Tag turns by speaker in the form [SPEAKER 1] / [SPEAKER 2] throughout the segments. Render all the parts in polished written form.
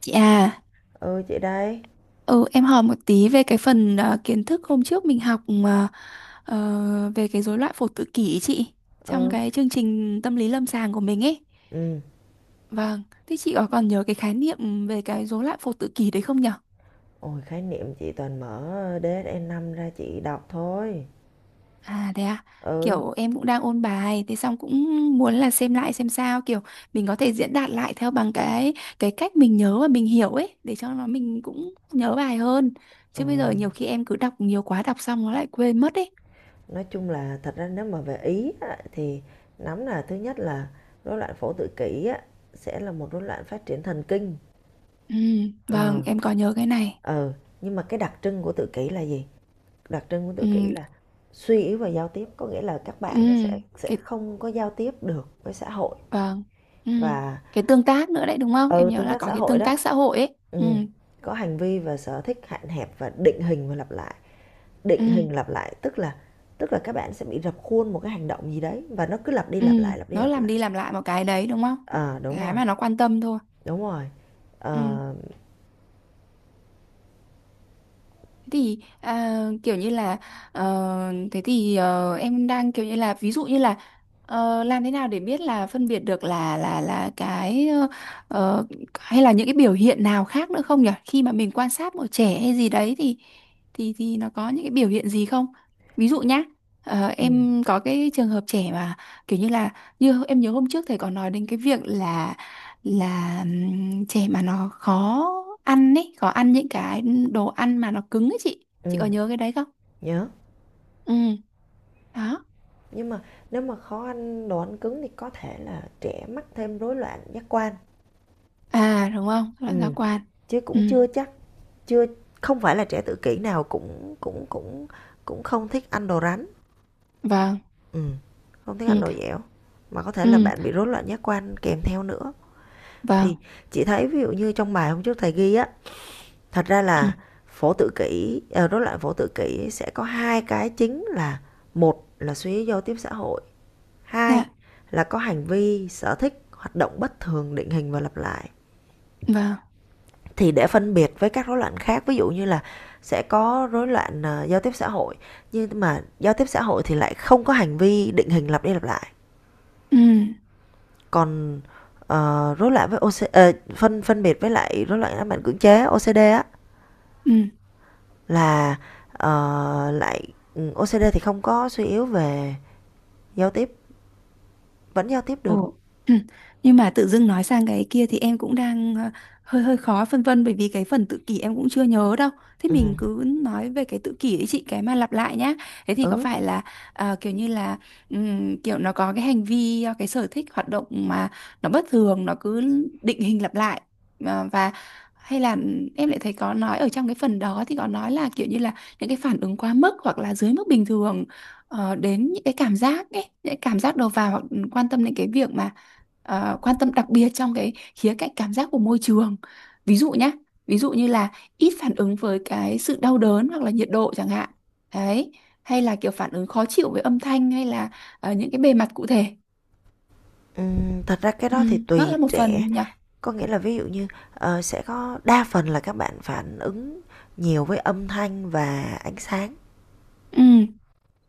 [SPEAKER 1] Chị à,
[SPEAKER 2] Ừ, chị đây.
[SPEAKER 1] ừ, em hỏi một tí về cái phần kiến thức hôm trước mình học mà, về cái rối loạn phổ tự kỷ ý chị trong
[SPEAKER 2] Ừ.
[SPEAKER 1] cái chương trình tâm lý lâm sàng của mình ấy.
[SPEAKER 2] Ừ.
[SPEAKER 1] Vâng, thế chị có còn nhớ cái khái niệm về cái rối loạn phổ tự kỷ đấy không nhở?
[SPEAKER 2] Ôi, khái niệm chị toàn mở dsn năm ra chị đọc thôi.
[SPEAKER 1] À thế à,
[SPEAKER 2] Ừ.
[SPEAKER 1] kiểu em cũng đang ôn bài, thế xong cũng muốn là xem lại xem sao, kiểu mình có thể diễn đạt lại theo bằng cái cách mình nhớ và mình hiểu ấy, để cho nó mình cũng nhớ bài hơn.
[SPEAKER 2] Ừ.
[SPEAKER 1] Chứ bây giờ nhiều khi em cứ đọc nhiều quá, đọc xong nó lại quên mất ấy.
[SPEAKER 2] Nói chung là thật ra nếu mà về Ý á, thì nắm là thứ nhất là rối loạn phổ tự kỷ á, sẽ là một rối loạn phát triển thần kinh.
[SPEAKER 1] Ừ,
[SPEAKER 2] Ờ.
[SPEAKER 1] vâng, em có nhớ cái này.
[SPEAKER 2] Ừ. Nhưng mà cái đặc trưng của tự kỷ là gì? Đặc trưng của tự kỷ
[SPEAKER 1] Ừ,
[SPEAKER 2] là suy yếu về giao tiếp, có nghĩa là các
[SPEAKER 1] ừ,
[SPEAKER 2] bạn nó sẽ
[SPEAKER 1] cái
[SPEAKER 2] không có giao tiếp được với xã hội
[SPEAKER 1] vâng. Ừ,
[SPEAKER 2] và
[SPEAKER 1] cái tương tác nữa đấy đúng không? Em
[SPEAKER 2] ừ,
[SPEAKER 1] nhớ
[SPEAKER 2] tương
[SPEAKER 1] là
[SPEAKER 2] tác
[SPEAKER 1] có
[SPEAKER 2] xã
[SPEAKER 1] cái
[SPEAKER 2] hội
[SPEAKER 1] tương
[SPEAKER 2] đó.
[SPEAKER 1] tác xã hội ấy. Ừ,
[SPEAKER 2] Ừm, có hành vi và sở thích hạn hẹp và định hình và lặp lại, định
[SPEAKER 1] ừ,
[SPEAKER 2] hình lặp lại tức là các bạn sẽ bị rập khuôn một cái hành động gì đấy và nó cứ lặp đi
[SPEAKER 1] ừ,
[SPEAKER 2] lặp lại, lặp đi
[SPEAKER 1] nó
[SPEAKER 2] lặp
[SPEAKER 1] làm
[SPEAKER 2] lại.
[SPEAKER 1] đi làm lại một cái đấy đúng không?
[SPEAKER 2] Ờ, đúng
[SPEAKER 1] Cái
[SPEAKER 2] rồi,
[SPEAKER 1] mà nó quan tâm thôi.
[SPEAKER 2] đúng rồi.
[SPEAKER 1] Ừ.
[SPEAKER 2] Ờ,
[SPEAKER 1] Thế thì à, kiểu như là ờ, thế thì em đang kiểu như là ví dụ như là làm thế nào để biết là phân biệt được là cái ờ, hay là những cái biểu hiện nào khác nữa không nhỉ? Khi mà mình quan sát một trẻ hay gì đấy thì thì nó có những cái biểu hiện gì không? Ví dụ nhá,
[SPEAKER 2] ừm,
[SPEAKER 1] em có cái trường hợp trẻ mà kiểu như là như em nhớ hôm trước thầy có nói đến cái việc là trẻ mà nó khó ăn ấy khó ăn những cái đồ ăn mà nó cứng ấy, chị có
[SPEAKER 2] ừm,
[SPEAKER 1] nhớ cái đấy không?
[SPEAKER 2] nhớ.
[SPEAKER 1] Ừ, đó.
[SPEAKER 2] Nhưng mà nếu mà khó ăn đồ ăn cứng thì có thể là trẻ mắc thêm rối loạn giác quan.
[SPEAKER 1] À đúng không, loại giác
[SPEAKER 2] Ừm,
[SPEAKER 1] quan.
[SPEAKER 2] Chứ
[SPEAKER 1] Ừ,
[SPEAKER 2] cũng chưa chắc, chưa không phải là trẻ tự kỷ nào cũng cũng không thích ăn đồ rắn.
[SPEAKER 1] vâng.
[SPEAKER 2] Ừ, không thích ăn
[SPEAKER 1] Ừ,
[SPEAKER 2] đồ dẻo, mà có thể là
[SPEAKER 1] ừ,
[SPEAKER 2] bạn bị rối loạn giác quan kèm theo nữa. Thì
[SPEAKER 1] vâng.
[SPEAKER 2] chị thấy ví dụ như trong bài hôm trước thầy ghi á, thật ra là phổ tự kỷ, rối loạn phổ tự kỷ sẽ có hai cái chính là một là suy nghĩ giao tiếp xã hội, hai
[SPEAKER 1] Dạ,
[SPEAKER 2] là có hành vi sở thích hoạt động bất thường định hình và lặp lại.
[SPEAKER 1] vâng.
[SPEAKER 2] Thì để phân biệt với các rối loạn khác, ví dụ như là sẽ có rối loạn giao tiếp xã hội, nhưng mà giao tiếp xã hội thì lại không có hành vi định hình lặp đi lặp lại.
[SPEAKER 1] Ừ,
[SPEAKER 2] Còn, rối loạn với OC phân phân biệt với lại rối loạn ám ảnh cưỡng chế OCD á
[SPEAKER 1] ừ.
[SPEAKER 2] là, ờ, lại OCD thì không có suy yếu về giao tiếp, vẫn giao tiếp được.
[SPEAKER 1] Ồ. Nhưng mà tự dưng nói sang cái kia thì em cũng đang ờ, hơi hơi khó phân vân bởi vì cái phần tự kỷ em cũng chưa nhớ đâu. Thế mình
[SPEAKER 2] Ừm,
[SPEAKER 1] cứ nói về cái tự kỷ ấy chị, cái mà lặp lại nhá. Thế thì có
[SPEAKER 2] ừ,
[SPEAKER 1] phải là kiểu như là kiểu nó có cái hành vi cái sở thích hoạt động mà nó bất thường, nó cứ định hình lặp lại. Ờ, và hay là em lại thấy có nói ở trong cái phần đó thì có nói là kiểu như là những cái phản ứng quá mức hoặc là dưới mức bình thường đến những cái cảm giác ấy, những cái cảm giác đầu vào, hoặc quan tâm đến cái việc mà quan tâm đặc biệt trong cái khía cạnh cảm giác của môi trường. Ví dụ nhá, ví dụ như là ít phản ứng với cái sự đau đớn hoặc là nhiệt độ chẳng hạn. Đấy, hay là kiểu phản ứng khó chịu với âm thanh hay là những cái bề mặt cụ thể.
[SPEAKER 2] Thật ra cái
[SPEAKER 1] Ừ,
[SPEAKER 2] đó thì
[SPEAKER 1] nó
[SPEAKER 2] tùy
[SPEAKER 1] là một
[SPEAKER 2] trẻ,
[SPEAKER 1] phần nhỉ.
[SPEAKER 2] có nghĩa là ví dụ như, sẽ có đa phần là các bạn phản ứng nhiều với âm thanh và ánh sáng.
[SPEAKER 1] Ừ,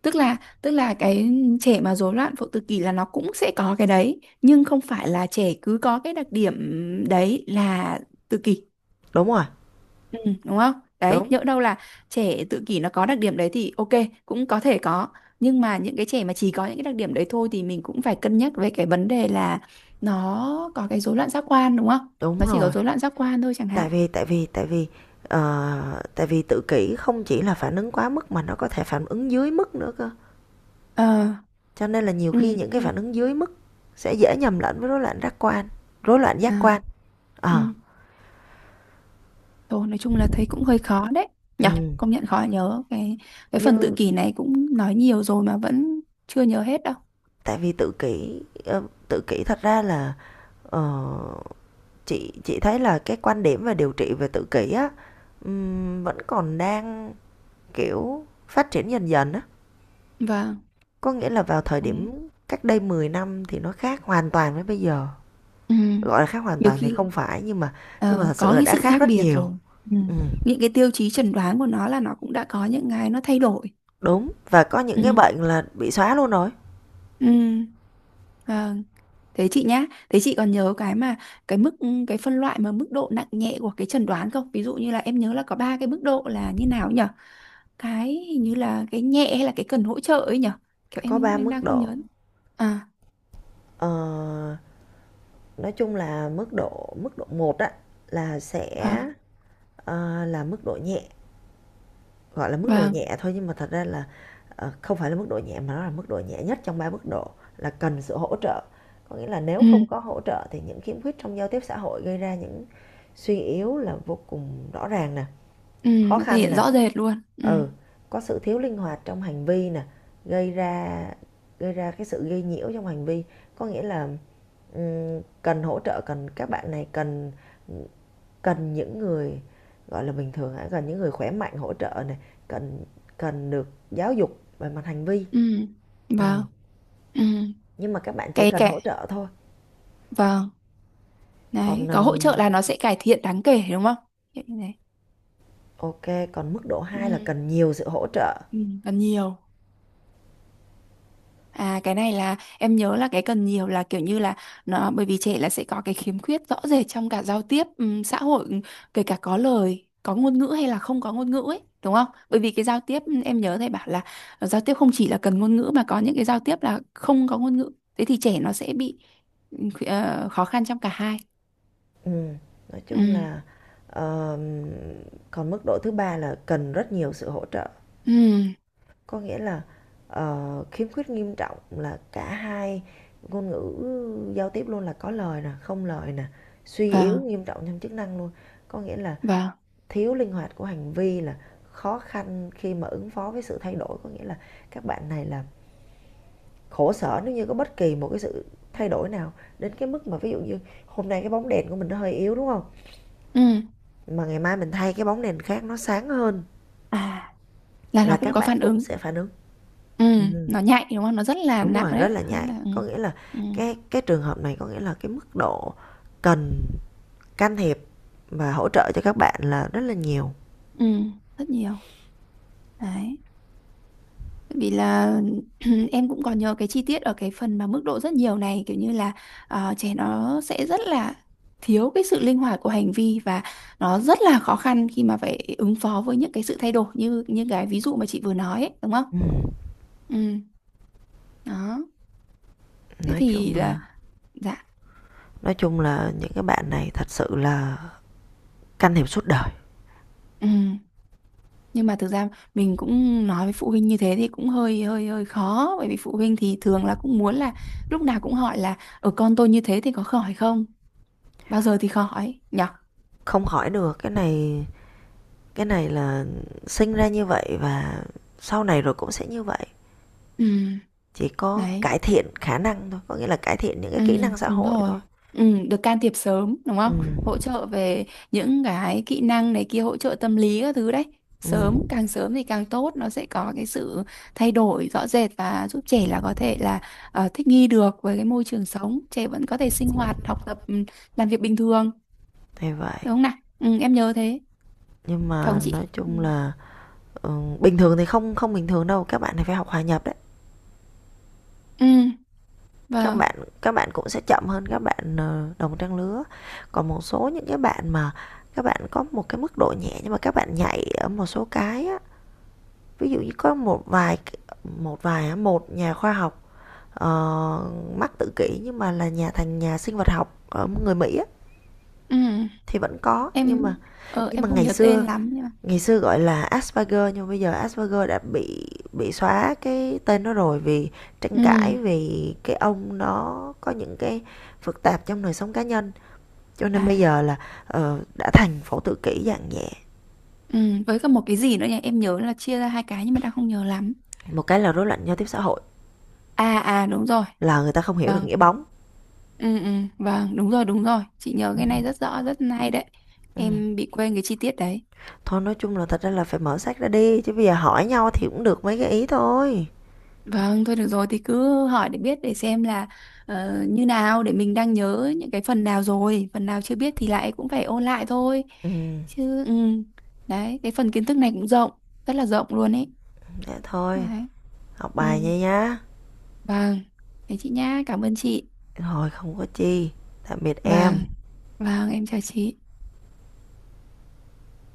[SPEAKER 1] tức là cái trẻ mà rối loạn phụ tự kỷ là nó cũng sẽ có cái đấy, nhưng không phải là trẻ cứ có cái đặc điểm đấy là tự kỷ.
[SPEAKER 2] Đúng rồi,
[SPEAKER 1] Ừ, đúng không? Đấy,
[SPEAKER 2] đúng,
[SPEAKER 1] nhỡ đâu là trẻ tự kỷ nó có đặc điểm đấy thì ok, cũng có thể có. Nhưng mà những cái trẻ mà chỉ có những cái đặc điểm đấy thôi thì mình cũng phải cân nhắc về cái vấn đề là nó có cái rối loạn giác quan đúng không?
[SPEAKER 2] đúng
[SPEAKER 1] Nó chỉ có
[SPEAKER 2] rồi.
[SPEAKER 1] rối loạn giác quan thôi chẳng
[SPEAKER 2] tại
[SPEAKER 1] hạn.
[SPEAKER 2] vì tại vì tại vì tại vì tự kỷ không chỉ là phản ứng quá mức mà nó có thể phản ứng dưới mức nữa cơ,
[SPEAKER 1] Ờ,
[SPEAKER 2] cho nên là nhiều
[SPEAKER 1] ừ,
[SPEAKER 2] khi những cái
[SPEAKER 1] thì-
[SPEAKER 2] phản ứng dưới mức sẽ dễ nhầm lẫn với rối loạn giác quan, rối loạn giác
[SPEAKER 1] à,
[SPEAKER 2] quan
[SPEAKER 1] ừ.
[SPEAKER 2] ờ
[SPEAKER 1] Thôi nói chung là thấy cũng hơi khó đấy.
[SPEAKER 2] ừ.
[SPEAKER 1] Nhở, công nhận khó nhớ. Cái
[SPEAKER 2] như
[SPEAKER 1] phần tự kỷ này cũng nói nhiều rồi mà vẫn chưa nhớ hết đâu.
[SPEAKER 2] Tại vì tự kỷ, tự kỷ thật ra là, ờ, chị thấy là cái quan điểm về điều trị về tự kỷ á, vẫn còn đang kiểu phát triển dần dần á,
[SPEAKER 1] Vâng.
[SPEAKER 2] có nghĩa là vào thời
[SPEAKER 1] Đấy.
[SPEAKER 2] điểm cách đây 10 năm thì nó khác hoàn toàn với bây giờ.
[SPEAKER 1] Ừ.
[SPEAKER 2] Gọi là khác hoàn
[SPEAKER 1] Nhiều
[SPEAKER 2] toàn thì không
[SPEAKER 1] khi
[SPEAKER 2] phải, nhưng mà thật sự
[SPEAKER 1] có
[SPEAKER 2] là
[SPEAKER 1] cái
[SPEAKER 2] đã
[SPEAKER 1] sự
[SPEAKER 2] khác
[SPEAKER 1] khác
[SPEAKER 2] rất
[SPEAKER 1] biệt
[SPEAKER 2] nhiều.
[SPEAKER 1] rồi. Ừ.
[SPEAKER 2] Ừm,
[SPEAKER 1] Những cái tiêu chí chẩn đoán của nó là nó cũng đã có những cái nó thay đổi.
[SPEAKER 2] Đúng, và có những cái
[SPEAKER 1] Ừ.
[SPEAKER 2] bệnh là bị xóa luôn rồi.
[SPEAKER 1] Ừ. Vâng. Thế chị nhá, thế chị còn nhớ cái mà cái mức ừ, cái phân loại mà mức độ nặng nhẹ của cái chẩn đoán không? Ví dụ như là em nhớ là có ba cái mức độ là như nào nhỉ? Cái hình như là cái nhẹ hay là cái cần hỗ trợ ấy nhỉ? Kiểu
[SPEAKER 2] Có
[SPEAKER 1] em
[SPEAKER 2] 3
[SPEAKER 1] em
[SPEAKER 2] mức
[SPEAKER 1] đang không
[SPEAKER 2] độ.
[SPEAKER 1] nhớ. À,
[SPEAKER 2] Ờ, nói chung là mức độ một á là sẽ,
[SPEAKER 1] vâng,
[SPEAKER 2] là mức độ nhẹ, gọi là mức độ
[SPEAKER 1] vâng.
[SPEAKER 2] nhẹ thôi nhưng mà thật ra là, không phải là mức độ nhẹ mà nó là mức độ nhẹ nhất trong 3 mức độ, là cần sự hỗ trợ. Có nghĩa là nếu
[SPEAKER 1] Ừ,
[SPEAKER 2] không có hỗ trợ thì những khiếm khuyết trong giao tiếp xã hội gây ra những suy yếu là vô cùng rõ ràng nè,
[SPEAKER 1] ừ,
[SPEAKER 2] khó
[SPEAKER 1] nó thể
[SPEAKER 2] khăn
[SPEAKER 1] hiện
[SPEAKER 2] nè.
[SPEAKER 1] rõ rệt luôn. Ừ,
[SPEAKER 2] Ừ, có sự thiếu linh hoạt trong hành vi nè, gây ra gây ra cái sự gây nhiễu trong hành vi, có nghĩa là cần hỗ trợ, cần các bạn này cần cần những người gọi là bình thường hả, cần những người khỏe mạnh hỗ trợ này, cần cần được giáo dục về mặt hành vi.
[SPEAKER 1] ừ,
[SPEAKER 2] Ừ.
[SPEAKER 1] vâng. Ừ.
[SPEAKER 2] Nhưng mà các bạn chỉ
[SPEAKER 1] cái
[SPEAKER 2] cần hỗ
[SPEAKER 1] cái
[SPEAKER 2] trợ thôi.
[SPEAKER 1] vâng,
[SPEAKER 2] Còn
[SPEAKER 1] đấy, có hỗ trợ là nó sẽ cải thiện đáng kể đúng không? Kiểu như thế.
[SPEAKER 2] ok, còn mức độ hai là
[SPEAKER 1] Ừ.
[SPEAKER 2] cần nhiều sự hỗ trợ.
[SPEAKER 1] Ừ. Cần nhiều, à cái này là em nhớ là cái cần nhiều là kiểu như là nó bởi vì trẻ là sẽ có cái khiếm khuyết rõ rệt trong cả giao tiếp xã hội, kể cả có lời có ngôn ngữ hay là không có ngôn ngữ ấy đúng không, bởi vì cái giao tiếp em nhớ thầy bảo là giao tiếp không chỉ là cần ngôn ngữ mà có những cái giao tiếp là không có ngôn ngữ, thế thì trẻ nó sẽ bị khó khăn trong cả hai.
[SPEAKER 2] Ừm, nói
[SPEAKER 1] Ừ,
[SPEAKER 2] chung là, ờm, Còn mức độ thứ ba là cần rất nhiều sự hỗ trợ,
[SPEAKER 1] ừ,
[SPEAKER 2] có nghĩa là, khiếm khuyết nghiêm trọng là cả hai ngôn ngữ giao tiếp luôn, là có lời nè, không lời nè, suy yếu
[SPEAKER 1] vâng,
[SPEAKER 2] nghiêm trọng trong chức năng luôn. Có nghĩa là
[SPEAKER 1] vâng,
[SPEAKER 2] thiếu linh hoạt của hành vi là khó khăn khi mà ứng phó với sự thay đổi, có nghĩa là các bạn này là khổ sở nếu như có bất kỳ một cái sự thay đổi nào, đến cái mức mà ví dụ như hôm nay cái bóng đèn của mình nó hơi yếu, đúng không?
[SPEAKER 1] ừ.
[SPEAKER 2] Mà ngày mai mình thay cái bóng đèn khác nó sáng hơn
[SPEAKER 1] À, là
[SPEAKER 2] là
[SPEAKER 1] nó cũng
[SPEAKER 2] các
[SPEAKER 1] có
[SPEAKER 2] bạn
[SPEAKER 1] phản
[SPEAKER 2] cũng
[SPEAKER 1] ứng.
[SPEAKER 2] sẽ phản ứng.
[SPEAKER 1] Ừ,
[SPEAKER 2] Ừm,
[SPEAKER 1] nó nhạy đúng không? Nó rất là
[SPEAKER 2] Đúng
[SPEAKER 1] nặng
[SPEAKER 2] rồi, rất
[SPEAKER 1] đấy.
[SPEAKER 2] là
[SPEAKER 1] Nó rất
[SPEAKER 2] nhạy.
[SPEAKER 1] là ừ,
[SPEAKER 2] Có nghĩa là
[SPEAKER 1] ừ,
[SPEAKER 2] cái trường hợp này có nghĩa là cái mức độ cần can thiệp và hỗ trợ cho các bạn là rất là nhiều.
[SPEAKER 1] ừ, rất nhiều. Đấy. Tại vì là em cũng còn nhớ cái chi tiết ở cái phần mà mức độ rất nhiều này kiểu như là trẻ nó sẽ rất là thiếu cái sự linh hoạt của hành vi và nó rất là khó khăn khi mà phải ứng phó với những cái sự thay đổi như như cái ví dụ mà chị vừa nói ấy, đúng không?
[SPEAKER 2] Ừm,
[SPEAKER 1] Ừ, đó. Thế
[SPEAKER 2] nói
[SPEAKER 1] thì
[SPEAKER 2] chung
[SPEAKER 1] là
[SPEAKER 2] là
[SPEAKER 1] dạ.
[SPEAKER 2] nói chung là những cái bạn này thật sự là can thiệp suốt đời.
[SPEAKER 1] Ừ. Nhưng mà thực ra mình cũng nói với phụ huynh như thế thì cũng hơi hơi hơi khó, bởi vì phụ huynh thì thường là cũng muốn là lúc nào cũng hỏi là ở con tôi như thế thì có khỏi không, bao giờ thì khỏi nhở?
[SPEAKER 2] Không khỏi được, cái này là sinh ra như vậy và sau này rồi cũng sẽ như vậy.
[SPEAKER 1] Ừ.
[SPEAKER 2] Chỉ có
[SPEAKER 1] Đấy.
[SPEAKER 2] cải thiện khả năng thôi, có nghĩa là cải thiện những cái
[SPEAKER 1] Ừ,
[SPEAKER 2] kỹ năng xã
[SPEAKER 1] đúng
[SPEAKER 2] hội
[SPEAKER 1] rồi.
[SPEAKER 2] thôi.
[SPEAKER 1] Ừ, được can thiệp sớm, đúng không?
[SPEAKER 2] Ừm.
[SPEAKER 1] Hỗ trợ về những cái kỹ năng này kia, hỗ trợ tâm lý các thứ đấy.
[SPEAKER 2] Ừ,
[SPEAKER 1] Sớm, càng sớm thì càng tốt, nó sẽ có cái sự thay đổi rõ rệt và giúp trẻ là có thể là thích nghi được với cái môi trường sống. Trẻ vẫn có thể sinh hoạt, học tập, ừ, làm việc bình thường,
[SPEAKER 2] thì vậy.
[SPEAKER 1] đúng không nào? Ừ, em nhớ thế,
[SPEAKER 2] Nhưng
[SPEAKER 1] phải không
[SPEAKER 2] mà
[SPEAKER 1] chị?
[SPEAKER 2] nói
[SPEAKER 1] Ừ,
[SPEAKER 2] chung là ừ, bình thường thì không không bình thường đâu, các bạn thì phải học hòa nhập đấy.
[SPEAKER 1] ừ,
[SPEAKER 2] Các
[SPEAKER 1] vâng.
[SPEAKER 2] bạn các bạn cũng sẽ chậm hơn các bạn đồng trang lứa. Còn một số những cái bạn mà các bạn có một cái mức độ nhẹ nhưng mà các bạn nhạy ở một số cái á, ví dụ như có một vài á, một nhà khoa học ờ, mắc tự kỷ nhưng mà là nhà sinh vật học ở người Mỹ á,
[SPEAKER 1] Ừ,
[SPEAKER 2] thì vẫn có. Nhưng
[SPEAKER 1] em,
[SPEAKER 2] mà nhưng
[SPEAKER 1] em
[SPEAKER 2] mà
[SPEAKER 1] không
[SPEAKER 2] ngày
[SPEAKER 1] nhớ
[SPEAKER 2] xưa
[SPEAKER 1] tên lắm nhưng mà...
[SPEAKER 2] ngày xưa gọi là Asperger nhưng bây giờ Asperger đã bị xóa cái tên nó rồi, vì tranh
[SPEAKER 1] Ừ,
[SPEAKER 2] cãi vì cái ông nó có những cái phức tạp trong đời sống cá nhân, cho nên bây
[SPEAKER 1] à.
[SPEAKER 2] giờ là đã thành phổ tự kỷ dạng nhẹ.
[SPEAKER 1] Ừ, với cả một cái gì nữa nhỉ? Em nhớ là chia ra hai cái nhưng mà đang không nhớ lắm.
[SPEAKER 2] Một cái là rối loạn giao tiếp xã hội,
[SPEAKER 1] À à đúng rồi.
[SPEAKER 2] là người ta không hiểu được
[SPEAKER 1] Vâng.
[SPEAKER 2] nghĩa bóng.
[SPEAKER 1] Ừ ừ vâng, đúng rồi đúng rồi. Chị nhớ cái này rất rõ, rất hay đấy.
[SPEAKER 2] Ừ.
[SPEAKER 1] Em bị quên cái chi tiết đấy.
[SPEAKER 2] Thôi nói chung là thật ra là phải mở sách ra, đi chứ bây giờ hỏi nhau thì cũng được mấy cái ý thôi.
[SPEAKER 1] Vâng, thôi được rồi thì cứ hỏi để biết để xem là như nào để mình đang nhớ những cái phần nào rồi, phần nào chưa biết thì lại cũng phải ôn lại thôi.
[SPEAKER 2] Ừ,
[SPEAKER 1] Chứ ừ. Đấy, cái phần kiến thức này cũng rộng, rất là rộng luôn ấy.
[SPEAKER 2] dạ thôi,
[SPEAKER 1] Đấy.
[SPEAKER 2] học
[SPEAKER 1] Ừ.
[SPEAKER 2] bài nha nhá.
[SPEAKER 1] Vâng. Thế chị nhá, cảm ơn chị.
[SPEAKER 2] Rồi, không có chi. Tạm biệt em.
[SPEAKER 1] Vâng, vâng, em chào chị.